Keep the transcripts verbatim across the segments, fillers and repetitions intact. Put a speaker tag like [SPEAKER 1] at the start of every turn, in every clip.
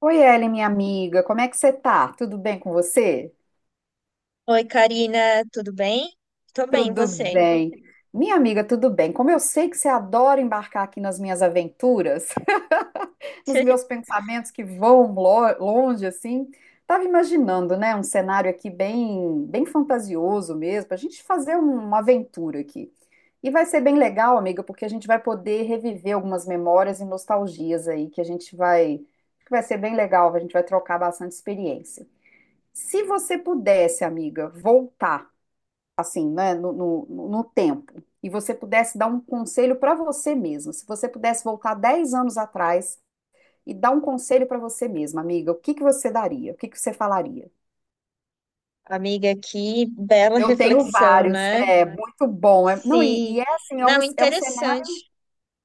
[SPEAKER 1] Oi, Ellen, minha amiga, como é que você tá? Tudo bem com você?
[SPEAKER 2] Oi, Karina, tudo bem? Tô bem, e
[SPEAKER 1] Tudo
[SPEAKER 2] você?
[SPEAKER 1] bem. Minha amiga, tudo bem. Como eu sei que você adora embarcar aqui nas minhas aventuras, nos meus pensamentos que voam lo- longe, assim, tava imaginando, né, um cenário aqui bem, bem fantasioso mesmo, pra gente fazer um- uma aventura aqui. E vai ser bem legal, amiga, porque a gente vai poder reviver algumas memórias e nostalgias aí, que a gente vai, que vai ser bem legal, a gente vai trocar bastante experiência. Se você pudesse, amiga, voltar assim, né, no, no, no tempo, e você pudesse dar um conselho para você mesma, se você pudesse voltar dez anos atrás e dar um conselho para você mesma, amiga, o que que você daria? O que que você falaria?
[SPEAKER 2] Amiga, que bela
[SPEAKER 1] Eu tenho
[SPEAKER 2] reflexão,
[SPEAKER 1] vários,
[SPEAKER 2] né?
[SPEAKER 1] é muito bom. É- não, e,
[SPEAKER 2] Sim.
[SPEAKER 1] e é assim, é um,
[SPEAKER 2] Não,
[SPEAKER 1] é um cenário.
[SPEAKER 2] interessante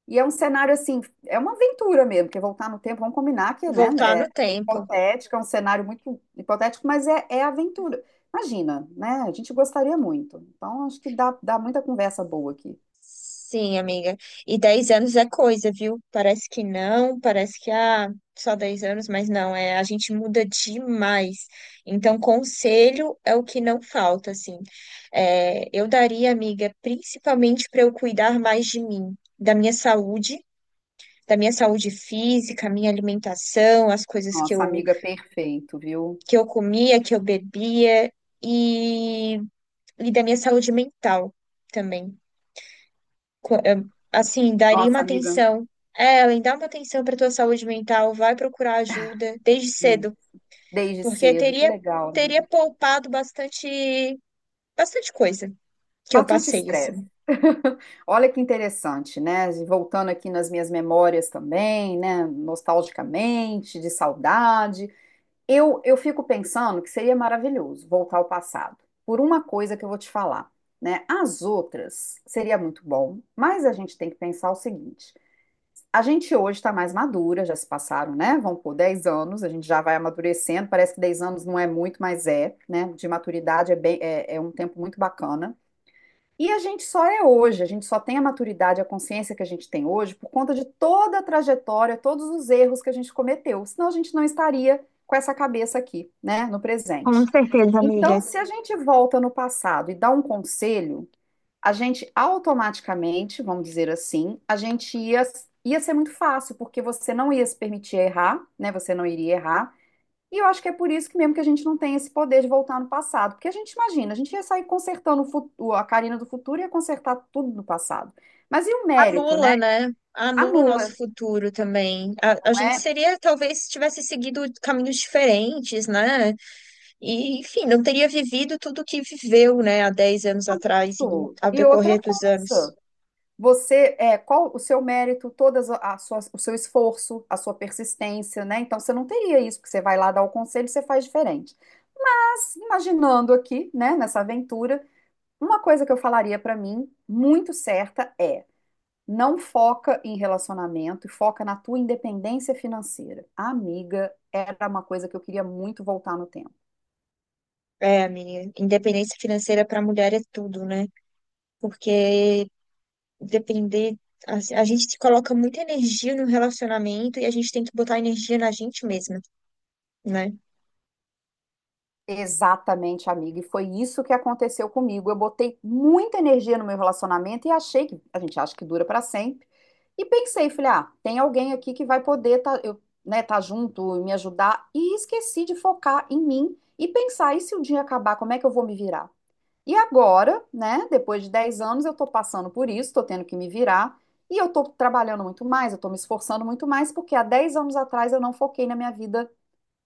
[SPEAKER 1] E é um cenário assim, é uma aventura mesmo, porque voltar no tempo, vamos combinar que, né,
[SPEAKER 2] voltar
[SPEAKER 1] é,
[SPEAKER 2] no
[SPEAKER 1] é
[SPEAKER 2] tempo.
[SPEAKER 1] hipotético, é um cenário muito hipotético, mas é, é aventura. Imagina, né? A gente gostaria muito. Então, acho que dá, dá muita conversa boa aqui.
[SPEAKER 2] Sim, amiga. E dez anos é coisa, viu? Parece que não, parece que ah, só dez anos, mas não, é, a gente muda demais. Então, conselho é o que não falta, assim. É, eu daria, amiga, principalmente para eu cuidar mais de mim, da minha saúde da minha saúde física, minha alimentação, as coisas que
[SPEAKER 1] Nossa,
[SPEAKER 2] eu,
[SPEAKER 1] amiga, perfeito, viu?
[SPEAKER 2] que eu comia, que eu bebia e, e da minha saúde mental também. Co- eh, Assim, daria
[SPEAKER 1] Nossa,
[SPEAKER 2] uma
[SPEAKER 1] amiga,
[SPEAKER 2] atenção. É, Ellen, dá uma atenção para tua saúde mental, vai procurar ajuda desde
[SPEAKER 1] sim,
[SPEAKER 2] cedo,
[SPEAKER 1] desde
[SPEAKER 2] porque
[SPEAKER 1] cedo, que
[SPEAKER 2] teria
[SPEAKER 1] legal,
[SPEAKER 2] teria
[SPEAKER 1] amiga.
[SPEAKER 2] poupado bastante bastante coisa que eu
[SPEAKER 1] Bastante
[SPEAKER 2] passei
[SPEAKER 1] estresse.
[SPEAKER 2] assim.
[SPEAKER 1] Olha que interessante, né? Voltando aqui nas minhas memórias também, né? Nostalgicamente, de saudade. Eu, eu fico pensando que seria maravilhoso voltar ao passado, por uma coisa que eu vou te falar, né? As outras seria muito bom, mas a gente tem que pensar o seguinte: a gente hoje está mais madura, já se passaram, né? Vão por dez anos, a gente já vai amadurecendo. Parece que dez anos não é muito, mas é, né? De maturidade é bem, é, é um tempo muito bacana. E a gente só é hoje, a gente só tem a maturidade, a consciência que a gente tem hoje por conta de toda a trajetória, todos os erros que a gente cometeu, senão a gente não estaria com essa cabeça aqui, né, no
[SPEAKER 2] Com
[SPEAKER 1] presente.
[SPEAKER 2] certeza, amiga.
[SPEAKER 1] Então, se a gente volta no passado e dá um conselho, a gente automaticamente, vamos dizer assim, a gente ia, ia ser muito fácil, porque você não ia se permitir errar, né, você não iria errar. E eu acho que é por isso que mesmo que a gente não tem esse poder de voltar no passado, porque a gente imagina, a gente ia sair consertando o futuro, a Karina do futuro ia consertar tudo no passado. Mas e o mérito, né?
[SPEAKER 2] Anula, né? Anula o
[SPEAKER 1] Anula,
[SPEAKER 2] nosso
[SPEAKER 1] não
[SPEAKER 2] futuro também. A, a gente
[SPEAKER 1] é?
[SPEAKER 2] seria, talvez, se tivesse seguido caminhos diferentes, né? E, enfim, não teria vivido tudo o que viveu, né, há dez anos atrás e
[SPEAKER 1] Pô,
[SPEAKER 2] ao
[SPEAKER 1] e outra
[SPEAKER 2] decorrer dos anos.
[SPEAKER 1] coisa, você, é, qual o seu mérito, todas a, a sua- o seu esforço, a sua persistência, né? Então você não teria isso, porque você vai lá dar o conselho e você faz diferente. Mas imaginando aqui, né, nessa aventura, uma coisa que eu falaria para mim muito certa é: não foca em relacionamento e foca na tua independência financeira. Amiga, era uma coisa que eu queria muito voltar no tempo.
[SPEAKER 2] É, amiga, independência financeira para a mulher é tudo, né? Porque depender, a, a gente se coloca muita energia no relacionamento e a gente tem que botar energia na gente mesma, né?
[SPEAKER 1] Exatamente, amiga. E foi isso que aconteceu comigo. Eu botei muita energia no meu relacionamento e achei que a gente acha que dura para sempre. E pensei, falei, ah, tem alguém aqui que vai poder tá, eu, né, tá junto e me ajudar. E esqueci de focar em mim e pensar, e se o dia acabar, como é que eu vou me virar? E agora, né, depois de dez anos, eu estou passando por isso, estou tendo que me virar, e eu estou trabalhando muito mais, eu estou me esforçando muito mais, porque há dez anos atrás eu não foquei na minha vida,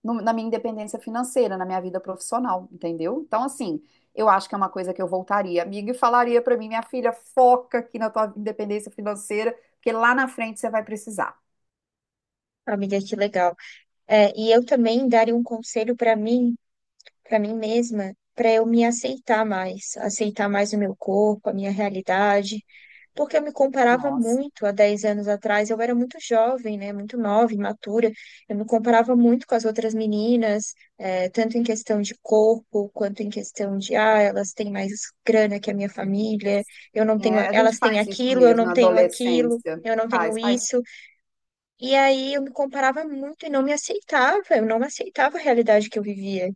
[SPEAKER 1] no- na minha independência financeira, na minha vida profissional, entendeu? Então, assim, eu acho que é uma coisa que eu voltaria, amiga, e falaria para mim, minha filha, foca aqui na tua independência financeira, porque lá na frente você vai precisar.
[SPEAKER 2] Amiga, que legal. É, e eu também daria um conselho para mim para mim mesma, para eu me aceitar mais, aceitar mais o meu corpo, a minha realidade, porque eu me comparava
[SPEAKER 1] Nossa.
[SPEAKER 2] muito há dez anos atrás, eu era muito jovem, né, muito nova, imatura, eu me comparava muito com as outras meninas, eh, tanto em questão de corpo, quanto em questão de, ah, elas têm mais grana que a minha família, eu não tenho,
[SPEAKER 1] É, a
[SPEAKER 2] elas
[SPEAKER 1] gente
[SPEAKER 2] têm
[SPEAKER 1] faz isso
[SPEAKER 2] aquilo, eu
[SPEAKER 1] mesmo
[SPEAKER 2] não
[SPEAKER 1] na
[SPEAKER 2] tenho aquilo.
[SPEAKER 1] adolescência.
[SPEAKER 2] Eu não tenho
[SPEAKER 1] Faz, faz.
[SPEAKER 2] isso. E aí eu me comparava muito e não me aceitava. Eu não aceitava a realidade que eu vivia,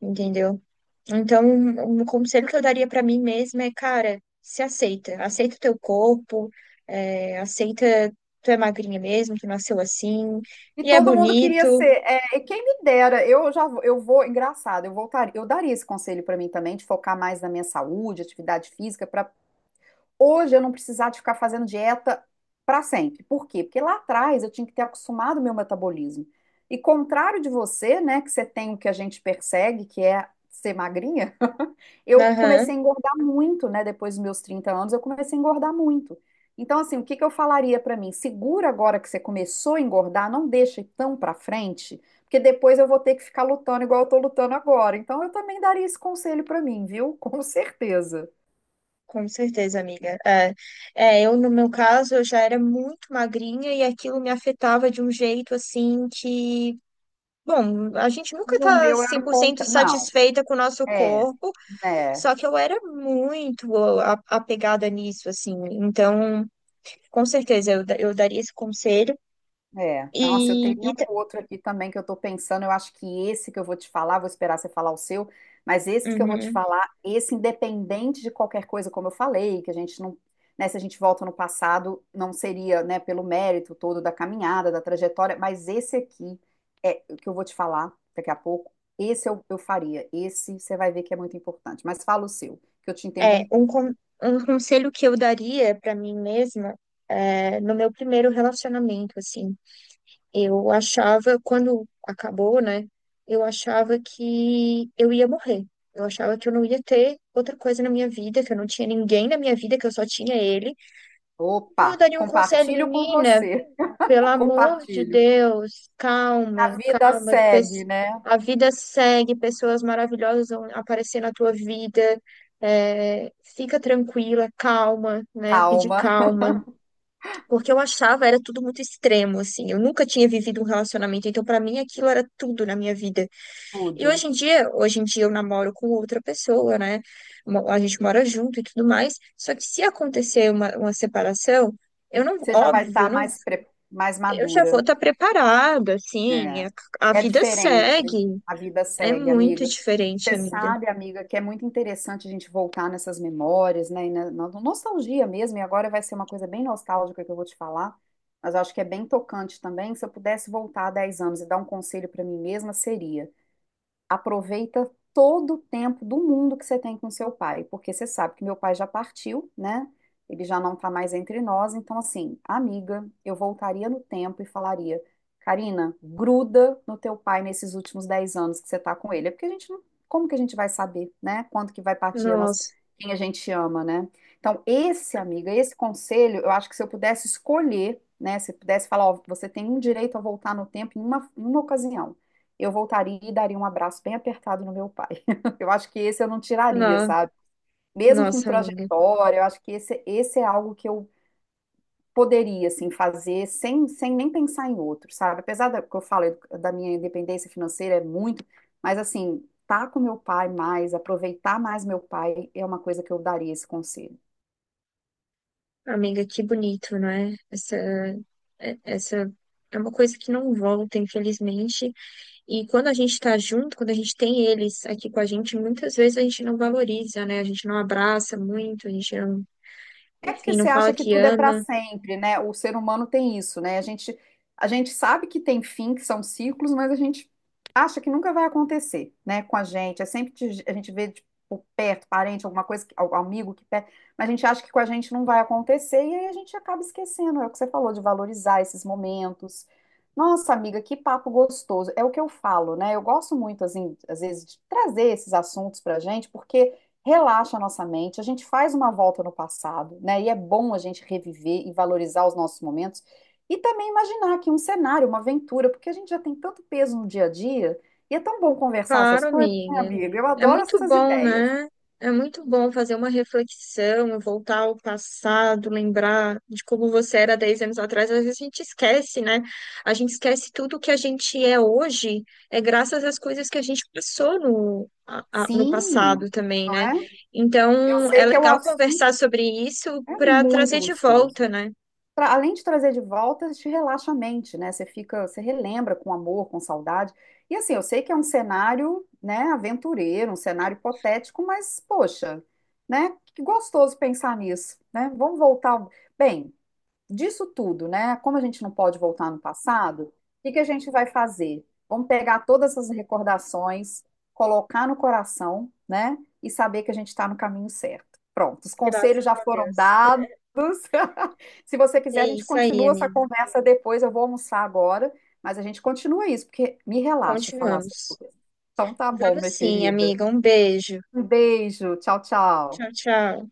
[SPEAKER 2] entendeu? Então, um conselho que eu daria pra mim mesma é, cara, se aceita. Aceita o teu corpo, é, aceita, tu é magrinha mesmo, tu nasceu assim,
[SPEAKER 1] E
[SPEAKER 2] e é
[SPEAKER 1] todo mundo queria ser.
[SPEAKER 2] bonito.
[SPEAKER 1] É, e quem me dera, eu já vou- eu vou, engraçado, eu voltaria, eu daria esse conselho para mim também, de focar mais na minha saúde, atividade física, para hoje eu não precisar de ficar fazendo dieta para sempre. Por quê? Porque lá atrás eu tinha que ter acostumado o meu metabolismo. E contrário de você, né, que você tem o que a gente persegue, que é ser magrinha, eu
[SPEAKER 2] Aham,
[SPEAKER 1] comecei a engordar muito, né? Depois dos meus trinta anos, eu comecei a engordar muito. Então, assim, o que que eu falaria pra mim? Segura agora que você começou a engordar, não deixa ir tão pra frente, porque depois eu vou ter que ficar lutando igual eu tô lutando agora. Então, eu também daria esse conselho pra mim, viu? Com certeza.
[SPEAKER 2] com certeza, amiga. É, é, eu, no meu caso, eu já era muito magrinha e aquilo me afetava de um jeito assim que. Bom, a gente
[SPEAKER 1] E
[SPEAKER 2] nunca
[SPEAKER 1] o
[SPEAKER 2] tá
[SPEAKER 1] meu era
[SPEAKER 2] cem
[SPEAKER 1] o
[SPEAKER 2] por cento
[SPEAKER 1] contrário.
[SPEAKER 2] satisfeita com o nosso
[SPEAKER 1] Não, é,
[SPEAKER 2] corpo,
[SPEAKER 1] né?
[SPEAKER 2] só que eu era muito a- apegada nisso, assim. Então. Com certeza, eu, da- eu daria esse conselho.
[SPEAKER 1] É, nossa, eu
[SPEAKER 2] E,
[SPEAKER 1] teria
[SPEAKER 2] e ta-
[SPEAKER 1] um outro aqui também que eu tô pensando. Eu acho que esse que eu vou te falar, vou esperar você falar o seu, mas esse que eu vou te
[SPEAKER 2] uhum.
[SPEAKER 1] falar, esse independente de qualquer coisa, como eu falei, que a gente não, né, se a gente volta no passado, não seria, né, pelo mérito todo da caminhada, da trajetória, mas esse aqui é o que eu vou te falar daqui a pouco. Esse eu, eu faria. Esse você vai ver que é muito importante. Mas fala o seu, que eu te
[SPEAKER 2] É, um,
[SPEAKER 1] interrompi.
[SPEAKER 2] con- um conselho que eu daria para mim mesma é, no meu primeiro relacionamento, assim. Eu achava, quando acabou, né? Eu achava que eu ia morrer. Eu achava que eu não ia ter outra coisa na minha vida, que eu não tinha ninguém na minha vida, que eu só tinha ele. Então, eu
[SPEAKER 1] Opa,
[SPEAKER 2] daria um conselho,
[SPEAKER 1] compartilho com
[SPEAKER 2] menina.
[SPEAKER 1] você.
[SPEAKER 2] Pelo amor de
[SPEAKER 1] Compartilho.
[SPEAKER 2] Deus,
[SPEAKER 1] A
[SPEAKER 2] calma,
[SPEAKER 1] vida
[SPEAKER 2] calma.
[SPEAKER 1] segue,
[SPEAKER 2] pes-
[SPEAKER 1] né?
[SPEAKER 2] A vida segue, pessoas maravilhosas vão aparecer na tua vida. É, fica tranquila, calma, né? Pedir
[SPEAKER 1] Calma.
[SPEAKER 2] calma. Porque eu achava era tudo muito extremo, assim. Eu nunca tinha vivido um relacionamento, então pra mim aquilo era tudo na minha vida. E
[SPEAKER 1] Tudo.
[SPEAKER 2] hoje em dia, hoje em dia eu namoro com outra pessoa, né? mo- A gente mora junto e tudo mais. Só que se acontecer uma, uma separação, eu não,
[SPEAKER 1] Você já vai
[SPEAKER 2] óbvio, eu
[SPEAKER 1] estar
[SPEAKER 2] não
[SPEAKER 1] mais, pre- mais
[SPEAKER 2] eu já vou
[SPEAKER 1] madura.
[SPEAKER 2] estar preparada, assim,
[SPEAKER 1] É.
[SPEAKER 2] a, a
[SPEAKER 1] É
[SPEAKER 2] vida
[SPEAKER 1] diferente.
[SPEAKER 2] segue.
[SPEAKER 1] A vida
[SPEAKER 2] É
[SPEAKER 1] segue,
[SPEAKER 2] muito
[SPEAKER 1] amiga.
[SPEAKER 2] diferente,
[SPEAKER 1] Você
[SPEAKER 2] amiga.
[SPEAKER 1] sabe, amiga, que é muito interessante a gente voltar nessas memórias, né? E na, na nostalgia mesmo. E agora vai ser uma coisa bem nostálgica que eu vou te falar. Mas eu acho que é bem tocante também. Se eu pudesse voltar dez anos e dar um conselho para mim mesma, seria: aproveita todo o tempo do mundo que você tem com seu pai, porque você sabe que meu pai já partiu, né? Ele já não tá mais entre nós, então assim, amiga, eu voltaria no tempo e falaria, Karina, gruda no teu pai nesses últimos dez anos que você tá com ele, é porque a gente não, como que a gente vai saber, né? Quando que vai partir a nossa,
[SPEAKER 2] Nossa,
[SPEAKER 1] quem a gente ama, né? Então, esse, amiga, esse conselho, eu acho que se eu pudesse escolher, né, se eu pudesse falar, ó, você tem um direito a voltar no tempo em uma, em uma ocasião eu voltaria e daria um abraço bem apertado no meu pai. Eu acho que esse eu não tiraria,
[SPEAKER 2] no,
[SPEAKER 1] sabe? Mesmo com
[SPEAKER 2] nossa, amiga.
[SPEAKER 1] trajetória, eu acho que esse, esse é algo que eu poderia, assim, fazer sem, sem nem pensar em outro, sabe? Apesar da, que eu falo da minha independência financeira, é muito, mas, assim, tá com meu pai mais, aproveitar mais meu pai, é uma coisa que eu daria esse conselho.
[SPEAKER 2] Amiga, que bonito, não é? Essa, é- essa é uma coisa que não volta, infelizmente. E quando a gente está junto, quando a gente tem eles aqui com a gente, muitas vezes a gente não valoriza, né? A gente não abraça muito, a gente não,
[SPEAKER 1] É porque
[SPEAKER 2] enfim, não
[SPEAKER 1] você
[SPEAKER 2] fala
[SPEAKER 1] acha que
[SPEAKER 2] que
[SPEAKER 1] tudo é para
[SPEAKER 2] ama.
[SPEAKER 1] sempre, né? O ser humano tem isso, né? A gente, a gente sabe que tem fim, que são ciclos, mas a gente acha que nunca vai acontecer, né? Com a gente. É sempre que a gente vê tipo, por perto, parente, alguma coisa, que- algum amigo que perto, mas a gente acha que com a gente não vai acontecer e aí a gente acaba esquecendo. É o que você falou de valorizar esses momentos. Nossa, amiga, que papo gostoso. É o que eu falo, né? Eu gosto muito, assim, às vezes, de trazer esses assuntos pra gente, porque relaxa a nossa mente, a gente faz uma volta no passado, né? E é bom a gente reviver e valorizar os nossos momentos e também imaginar aqui um cenário, uma aventura, porque a gente já tem tanto peso no dia a dia e é tão bom conversar essas
[SPEAKER 2] Claro,
[SPEAKER 1] coisas, né,
[SPEAKER 2] amiga.
[SPEAKER 1] amiga? Eu
[SPEAKER 2] É
[SPEAKER 1] adoro
[SPEAKER 2] muito
[SPEAKER 1] essas
[SPEAKER 2] bom,
[SPEAKER 1] ideias.
[SPEAKER 2] né? É muito bom fazer uma reflexão, voltar ao passado, lembrar de como você era dez anos atrás. Às vezes a gente esquece, né? A gente esquece tudo que a gente é hoje, é graças às coisas que a gente passou no, a- a- no passado
[SPEAKER 1] Sim,
[SPEAKER 2] também,
[SPEAKER 1] não
[SPEAKER 2] né?
[SPEAKER 1] é? Eu
[SPEAKER 2] Então, é
[SPEAKER 1] sei que é o
[SPEAKER 2] legal conversar
[SPEAKER 1] assunto,
[SPEAKER 2] sobre isso
[SPEAKER 1] é
[SPEAKER 2] para
[SPEAKER 1] muito
[SPEAKER 2] trazer de
[SPEAKER 1] gostoso.
[SPEAKER 2] volta, né?
[SPEAKER 1] Tra- além de trazer de volta, te relaxa a mente, né? Você fica, você relembra com amor, com saudade. E assim, eu sei que é um cenário, né, aventureiro, um cenário hipotético, mas poxa, né? Que gostoso pensar nisso, né? Vamos voltar. Bem, disso tudo, né? Como a gente não pode voltar no passado, o que que a gente vai fazer? Vamos pegar todas essas recordações, colocar no coração, né? E saber que a gente está no caminho certo. Pronto, os conselhos
[SPEAKER 2] Graças
[SPEAKER 1] já
[SPEAKER 2] a
[SPEAKER 1] foram
[SPEAKER 2] Deus.
[SPEAKER 1] dados. Se você
[SPEAKER 2] É
[SPEAKER 1] quiser, a gente
[SPEAKER 2] isso aí,
[SPEAKER 1] continua essa
[SPEAKER 2] amiga.
[SPEAKER 1] conversa depois. Eu vou almoçar agora, mas a gente continua isso, porque me relaxa falar essas
[SPEAKER 2] Continuamos.
[SPEAKER 1] coisas. Então tá bom,
[SPEAKER 2] Vamos
[SPEAKER 1] minha
[SPEAKER 2] sim,
[SPEAKER 1] querida.
[SPEAKER 2] amiga. Um beijo.
[SPEAKER 1] Um beijo, tchau,
[SPEAKER 2] Tchau,
[SPEAKER 1] tchau.
[SPEAKER 2] tchau.